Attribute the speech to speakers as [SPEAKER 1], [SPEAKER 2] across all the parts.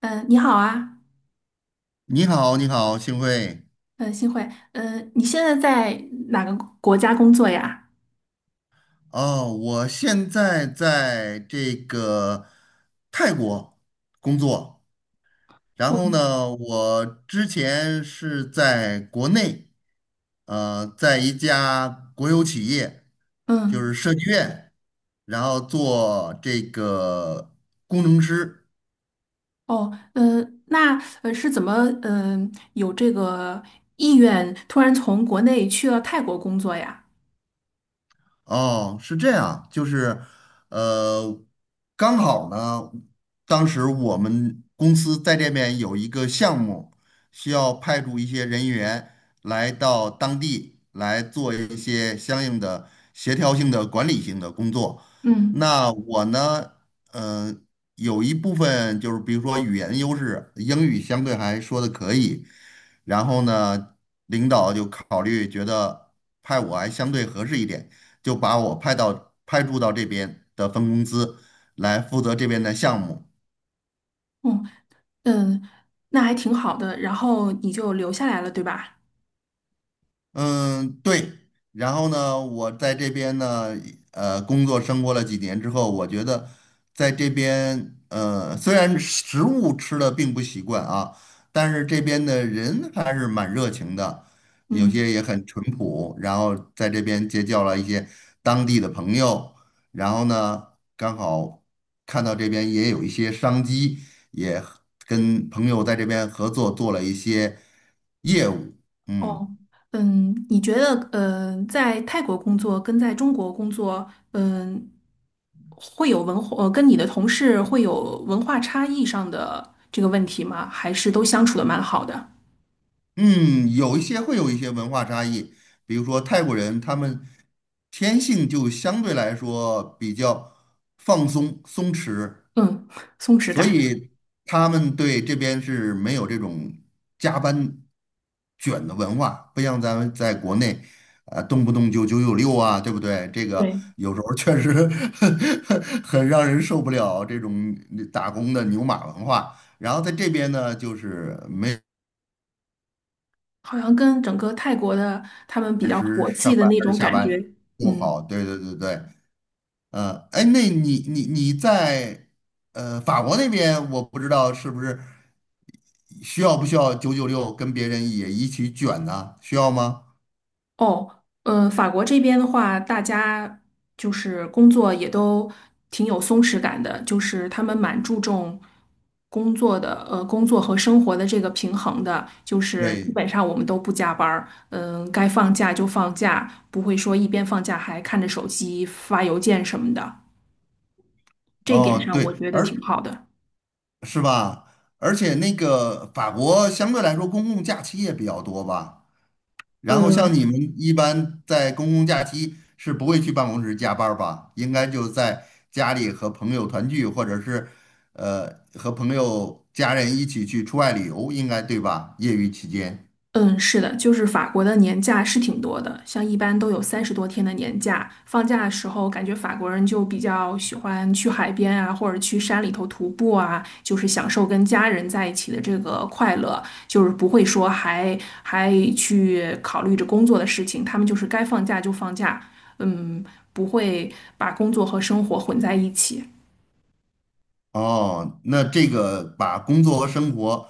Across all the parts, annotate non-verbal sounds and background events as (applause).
[SPEAKER 1] 你好啊。
[SPEAKER 2] 你好，你好，幸会。
[SPEAKER 1] 嗯，幸会。你现在在哪个国家工作呀？
[SPEAKER 2] 哦，我现在在这个泰国工作，然
[SPEAKER 1] 哦。
[SPEAKER 2] 后呢，我之前是在国内，在一家国有企业，就
[SPEAKER 1] 嗯。
[SPEAKER 2] 是设计院，然后做这个工程师。
[SPEAKER 1] 哦。是怎么，有这个意愿突然从国内去了泰国工作呀？
[SPEAKER 2] 哦，是这样，就是，呃，刚好呢，当时我们公司在这边有一个项目，需要派驻一些人员来到当地来做一些相应的协调性的管理性的工作。
[SPEAKER 1] 嗯。
[SPEAKER 2] 那我呢，呃，有一部分就是比如说语言优势，英语相对还说的可以，然后呢，领导就考虑觉得派我还相对合适一点。就把我派到派驻到这边的分公司来负责这边的项目。
[SPEAKER 1] 嗯。嗯，那还挺好的，然后你就留下来了，对吧？
[SPEAKER 2] 嗯，对。然后呢，我在这边呢，工作生活了几年之后，我觉得在这边，虽然食物吃的并不习惯啊，但是这边的人还是蛮热情的，有些
[SPEAKER 1] 嗯。
[SPEAKER 2] 也很淳朴。然后在这边结交了一些当地的朋友，然后呢，刚好看到这边也有一些商机，也跟朋友在这边合作做了一些业务，
[SPEAKER 1] 哦，
[SPEAKER 2] 嗯。
[SPEAKER 1] 你觉得，在泰国工作跟在中国工作，嗯，会有文化，跟你的同事会有文化差异上的这个问题吗？还是都相处的蛮好的？
[SPEAKER 2] 嗯，有一些会有一些文化差异，比如说泰国人，他们天性就相对来说比较放松、松弛，
[SPEAKER 1] 嗯，松弛
[SPEAKER 2] 所
[SPEAKER 1] 感。
[SPEAKER 2] 以他们对这边是没有这种加班卷的文化，不像咱们在国内，动不动就九九六啊，对不对？这个
[SPEAKER 1] 对。
[SPEAKER 2] 有时候确实 (laughs) 很让人受不了这种打工的牛马文化。然后在这边呢，就是。没。
[SPEAKER 1] 好像跟整个泰国的他们比
[SPEAKER 2] 按
[SPEAKER 1] 较
[SPEAKER 2] 时
[SPEAKER 1] 佛
[SPEAKER 2] 上
[SPEAKER 1] 系的
[SPEAKER 2] 班
[SPEAKER 1] 那
[SPEAKER 2] 还是
[SPEAKER 1] 种
[SPEAKER 2] 下
[SPEAKER 1] 感
[SPEAKER 2] 班
[SPEAKER 1] 觉。
[SPEAKER 2] 不
[SPEAKER 1] 嗯。
[SPEAKER 2] 好。对对对对，哎，那你在法国那边，我不知道是不是需要不需要九九六跟别人也一起卷呢？需要吗？
[SPEAKER 1] 哦，法国这边的话，大家就是工作也都挺有松弛感的，就是他们蛮注重工作的，工作和生活的这个平衡的，就是基
[SPEAKER 2] 对，
[SPEAKER 1] 本上我们都不加班儿，嗯，该放假就放假，不会说一边放假还看着手机发邮件什么的，这一点
[SPEAKER 2] 哦
[SPEAKER 1] 上
[SPEAKER 2] 对，
[SPEAKER 1] 我觉得
[SPEAKER 2] 而
[SPEAKER 1] 挺好的。
[SPEAKER 2] 是吧？而且那个法国相对来说公共假期也比较多吧？然后像
[SPEAKER 1] 呃，
[SPEAKER 2] 你们一般在公共假期是不会去办公室加班儿吧？应该就在家里和朋友团聚，或者是和朋友家人一起去出外旅游，应该对吧？业余期间。
[SPEAKER 1] 嗯，是的，就是法国的年假是挺多的，像一般都有三十多天的年假。放假的时候，感觉法国人就比较喜欢去海边啊，或者去山里头徒步啊，就是享受跟家人在一起的这个快乐，就是不会说还去考虑着工作的事情，他们就是该放假就放假，嗯，不会把工作和生活混在一起。
[SPEAKER 2] 哦，那这个把工作和生活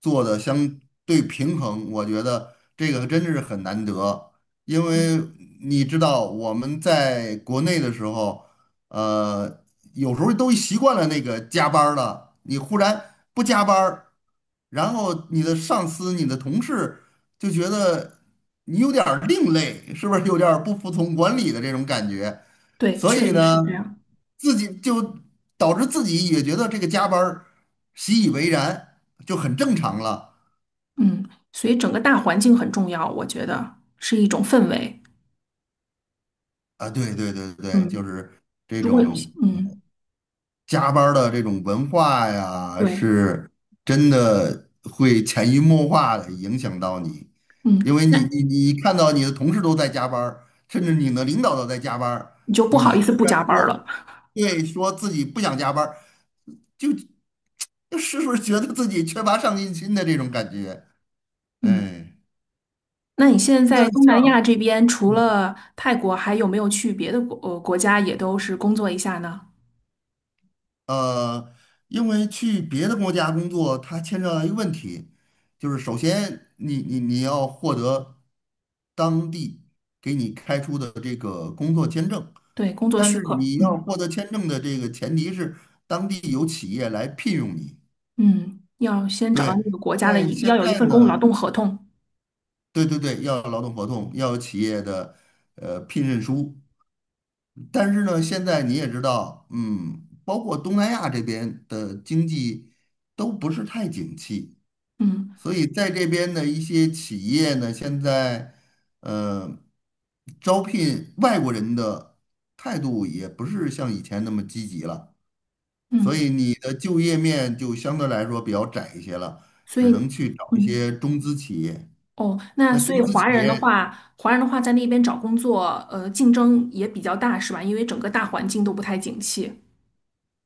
[SPEAKER 2] 做的相对平衡，我觉得这个真的是很难得。因为你知道我们在国内的时候，呃，有时候都习惯了那个加班儿了，你忽然不加班儿然后你的上司、你的同事就觉得你有点儿另类，是不是有点儿不服从管理的这种感觉？
[SPEAKER 1] 对，
[SPEAKER 2] 所
[SPEAKER 1] 确
[SPEAKER 2] 以
[SPEAKER 1] 实是这
[SPEAKER 2] 呢，
[SPEAKER 1] 样。
[SPEAKER 2] 自己就导致自己也觉得这个加班儿习以为然，就很正常了
[SPEAKER 1] 嗯，所以整个大环境很重要，我觉得是一种氛围。
[SPEAKER 2] 啊。对对对对，就
[SPEAKER 1] 嗯。
[SPEAKER 2] 是这
[SPEAKER 1] 如果有
[SPEAKER 2] 种。
[SPEAKER 1] 嗯
[SPEAKER 2] 加班儿的这种文化呀，
[SPEAKER 1] 对，
[SPEAKER 2] 是真的会潜移默化的影响到你，
[SPEAKER 1] 嗯
[SPEAKER 2] 因为你
[SPEAKER 1] 那
[SPEAKER 2] 你你看到你的同事都在加班儿甚至你的领导都在加班儿
[SPEAKER 1] 你就不好
[SPEAKER 2] 你
[SPEAKER 1] 意思
[SPEAKER 2] 忽
[SPEAKER 1] 不
[SPEAKER 2] 然
[SPEAKER 1] 加班儿了。
[SPEAKER 2] 说，对，说自己不想加班儿就就是不是觉得自己缺乏上进心的这种感觉？
[SPEAKER 1] 嗯，
[SPEAKER 2] 哎，
[SPEAKER 1] 那你现在在
[SPEAKER 2] 那
[SPEAKER 1] 东南亚
[SPEAKER 2] 像。
[SPEAKER 1] 这边，除了泰国，还有没有去别的国家也都是工作一下呢？
[SPEAKER 2] 呃，因为去别的国家工作，它牵扯到一个问题，就是首先你要获得当地给你开出的这个工作签证，
[SPEAKER 1] 对，工作
[SPEAKER 2] 但
[SPEAKER 1] 许
[SPEAKER 2] 是
[SPEAKER 1] 可。
[SPEAKER 2] 你要
[SPEAKER 1] 嗯
[SPEAKER 2] 获得签证的这个前提是当地有企业来聘用你。
[SPEAKER 1] 嗯，要先找到
[SPEAKER 2] 对，
[SPEAKER 1] 那个国家的
[SPEAKER 2] 但
[SPEAKER 1] 一，要
[SPEAKER 2] 现
[SPEAKER 1] 有一
[SPEAKER 2] 在
[SPEAKER 1] 份工
[SPEAKER 2] 呢，
[SPEAKER 1] 劳动合同。
[SPEAKER 2] 对对对，要有劳动合同，要有企业的聘任书，但是呢，现在你也知道，嗯，包括东南亚这边的经济都不是太景气，
[SPEAKER 1] 嗯
[SPEAKER 2] 所以在这边的一些企业呢，现在呃招聘外国人的态度也不是像以前那么积极了，所
[SPEAKER 1] 嗯，
[SPEAKER 2] 以你的就业面就相对来说比较窄一些了，
[SPEAKER 1] 所
[SPEAKER 2] 只
[SPEAKER 1] 以
[SPEAKER 2] 能去找一
[SPEAKER 1] 嗯
[SPEAKER 2] 些中资企业。
[SPEAKER 1] 哦，那
[SPEAKER 2] 那
[SPEAKER 1] 所以
[SPEAKER 2] 中资
[SPEAKER 1] 华
[SPEAKER 2] 企
[SPEAKER 1] 人的
[SPEAKER 2] 业
[SPEAKER 1] 话，华人的话在那边找工作，呃，竞争也比较大，是吧？因为整个大环境都不太景气。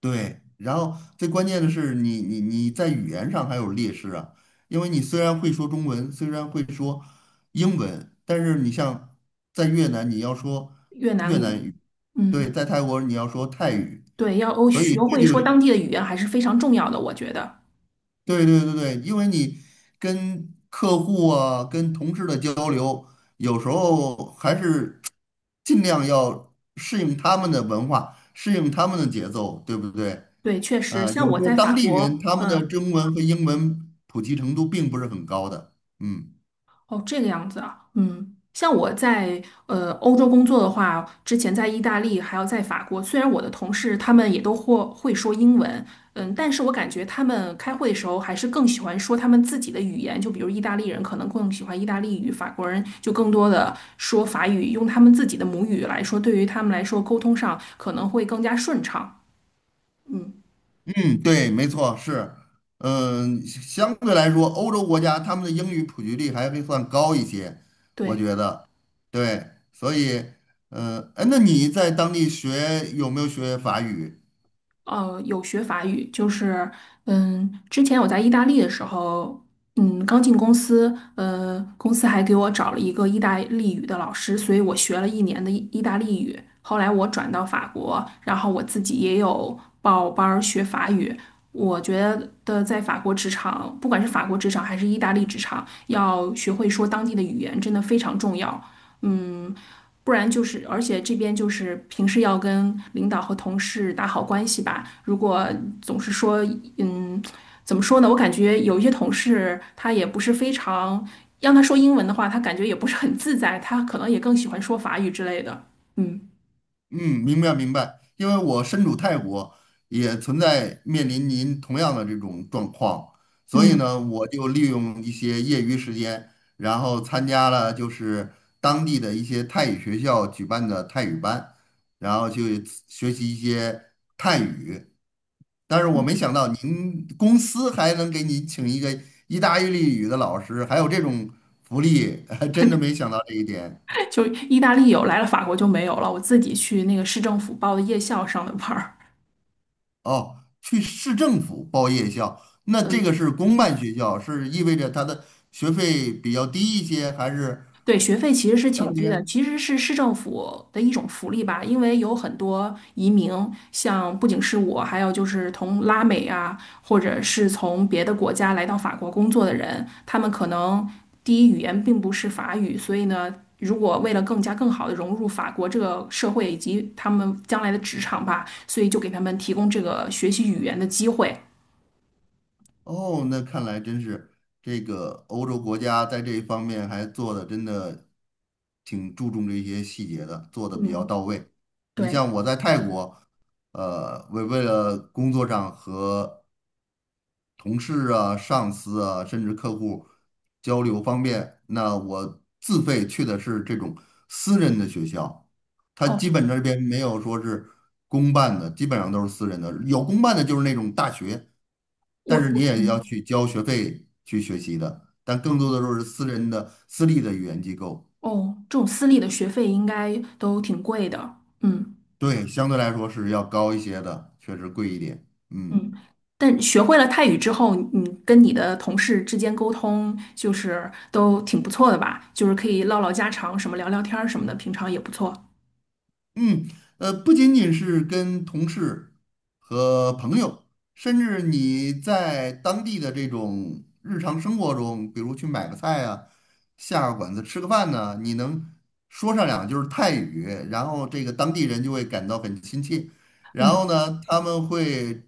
[SPEAKER 2] 对，然后最关键的是你在语言上还有劣势啊，因为你虽然会说中文，虽然会说英文，但是你像在越南你要说
[SPEAKER 1] 越
[SPEAKER 2] 越
[SPEAKER 1] 南
[SPEAKER 2] 南
[SPEAKER 1] 语。
[SPEAKER 2] 语，对，
[SPEAKER 1] 嗯。
[SPEAKER 2] 在泰国你要说泰语，
[SPEAKER 1] 对，要欧
[SPEAKER 2] 所以
[SPEAKER 1] 学
[SPEAKER 2] 这
[SPEAKER 1] 会
[SPEAKER 2] 就
[SPEAKER 1] 说当地的语言还是非常重要的，我觉得。
[SPEAKER 2] 对对对对，因为你跟客户啊、跟同事的交流，有时候还是尽量要适应他们的文化，适应他们的节奏，对不对？
[SPEAKER 1] 对，确实，像
[SPEAKER 2] 有
[SPEAKER 1] 我
[SPEAKER 2] 些
[SPEAKER 1] 在
[SPEAKER 2] 当
[SPEAKER 1] 法
[SPEAKER 2] 地人
[SPEAKER 1] 国。
[SPEAKER 2] 他们的
[SPEAKER 1] 嗯，
[SPEAKER 2] 中文和英文普及程度并不是很高的。嗯
[SPEAKER 1] 哦，这个样子啊，嗯，像我在欧洲工作的话，之前在意大利还有在法国，虽然我的同事他们也都或会说英文，嗯，但是我感觉他们开会的时候还是更喜欢说他们自己的语言，就比如意大利人可能更喜欢意大利语，法国人就更多的说法语，用他们自己的母语来说，对于他们来说沟通上可能会更加顺畅。嗯，
[SPEAKER 2] 嗯，对，没错，是。嗯，相对来说，欧洲国家他们的英语普及率还会算高一些，我
[SPEAKER 1] 对。
[SPEAKER 2] 觉得。对，所以，哎，那你在当地学有没有学法语？
[SPEAKER 1] 有学法语，就是，嗯，之前我在意大利的时候，嗯，刚进公司，公司还给我找了一个意大利语的老师，所以我学了一年的意大利语。后来我转到法国，然后我自己也有报班儿学法语。我觉得在法国职场，不管是法国职场还是意大利职场，要学会说当地的语言，真的非常重要。嗯，不然就是，而且这边就是平时要跟领导和同事打好关系吧。如果总是说，嗯，怎么说呢？我感觉有一些同事他也不是非常，让他说英文的话，他感觉也不是很自在，他可能也更喜欢说法语之类的。嗯
[SPEAKER 2] 嗯，明白明白，因为我身处泰国，也存在面临您同样的这种状况，所以
[SPEAKER 1] 嗯，
[SPEAKER 2] 呢，我就利用一些业余时间，然后参加了就是当地的一些泰语学校举办的泰语班，然后去学习一些泰语。但是我没想到您公司还能给你请一个意大利语的老师，还有这种福利，(laughs) 真的
[SPEAKER 1] (laughs)
[SPEAKER 2] 没想到这一点。
[SPEAKER 1] 就意大利有，来了法国就没有了。我自己去那个市政府报的夜校上的班儿。
[SPEAKER 2] 哦，去市政府报夜校，那这个是公办学校，是意味着它的学费比较低一些，还是
[SPEAKER 1] 对，学费其实是
[SPEAKER 2] 大
[SPEAKER 1] 挺低的，
[SPEAKER 2] 些？
[SPEAKER 1] 其实是市政府的一种福利吧，因为有很多移民，像不仅是我，还有就是从拉美啊，或者是从别的国家来到法国工作的人，他们可能第一语言并不是法语，所以呢，如果为了更加更好的融入法国这个社会以及他们将来的职场吧，所以就给他们提供这个学习语言的机会。
[SPEAKER 2] 哦，那看来真是这个欧洲国家在这一方面还做的真的挺注重这些细节的，做的比较
[SPEAKER 1] 嗯，
[SPEAKER 2] 到位。你
[SPEAKER 1] 对，
[SPEAKER 2] 像我在泰国，为了工作上和同事啊、上司啊，甚至客户交流方便。那我自费去的是这种私人的学校，它基
[SPEAKER 1] 哦，
[SPEAKER 2] 本这边没有说是公办的，基本上都是私人的。有公办的就是那种大学，
[SPEAKER 1] 我
[SPEAKER 2] 但是你
[SPEAKER 1] 我
[SPEAKER 2] 也要去交学费去学习的，但更多的都是私人的、私立的语言机构。
[SPEAKER 1] 哦，这种私立的学费应该都挺贵的。嗯。
[SPEAKER 2] 对，相对来说是要高一些的，确实贵一点。嗯。
[SPEAKER 1] 嗯，但学会了泰语之后，你跟你的同事之间沟通就是都挺不错的吧？就是可以唠唠家常，什么聊聊天儿什么的，平常也不错。
[SPEAKER 2] 嗯，不仅仅是跟同事和朋友，甚至你在当地的这种日常生活中，比如去买个菜啊，下个馆子吃个饭呢，你能说上两句儿泰语，然后这个当地人就会感到很亲切，然后
[SPEAKER 1] 嗯，
[SPEAKER 2] 呢，他们会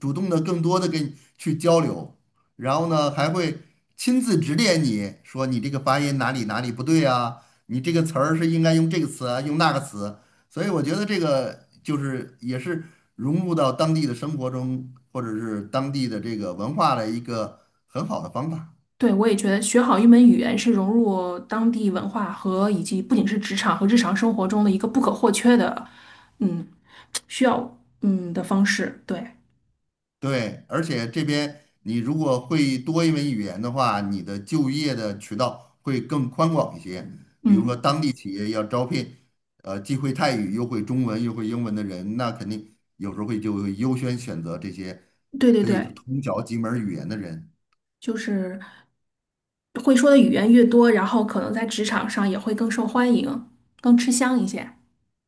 [SPEAKER 2] 主动的更多的跟你去交流，然后呢，还会亲自指点你说你这个发音哪里哪里不对啊，你这个词儿是应该用这个词啊，用那个词。所以我觉得这个就是也是融入到当地的生活中，或者是当地的这个文化的一个很好的方法。
[SPEAKER 1] 对，我也觉得学好一门语言是融入当地文化和以及不仅是职场和日常生活中的一个不可或缺的，嗯，需要嗯的方式。对，
[SPEAKER 2] 对，而且这边你如果会多一门语言的话，你的就业的渠道会更宽广一些。比如说
[SPEAKER 1] 嗯，
[SPEAKER 2] 当地企业要招聘，既会泰语又会中文又会英文的人，那肯定有时候就会优先选择这些
[SPEAKER 1] 对对
[SPEAKER 2] 可以
[SPEAKER 1] 对，
[SPEAKER 2] 通晓几门语言的人。
[SPEAKER 1] 就是会说的语言越多，然后可能在职场上也会更受欢迎，更吃香一些。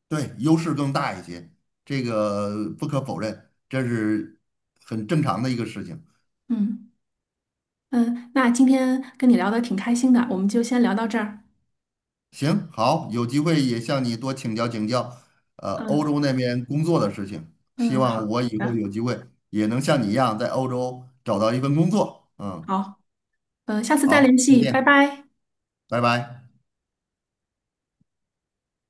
[SPEAKER 2] 对，优势更大一些，这个不可否认，这是很正常的一个事情。
[SPEAKER 1] 嗯。嗯，那今天跟你聊的挺开心的，我们就先聊到这儿。
[SPEAKER 2] 行，好，有机会也向你多请教请教，
[SPEAKER 1] 嗯
[SPEAKER 2] 欧洲那边工作的事情，希
[SPEAKER 1] 嗯，
[SPEAKER 2] 望
[SPEAKER 1] 好
[SPEAKER 2] 我以后
[SPEAKER 1] 的，
[SPEAKER 2] 有机会也能像你一样在欧洲找到一份工作。嗯，
[SPEAKER 1] 好，嗯，下次再联
[SPEAKER 2] 好，再
[SPEAKER 1] 系，拜
[SPEAKER 2] 见，
[SPEAKER 1] 拜。
[SPEAKER 2] 拜拜。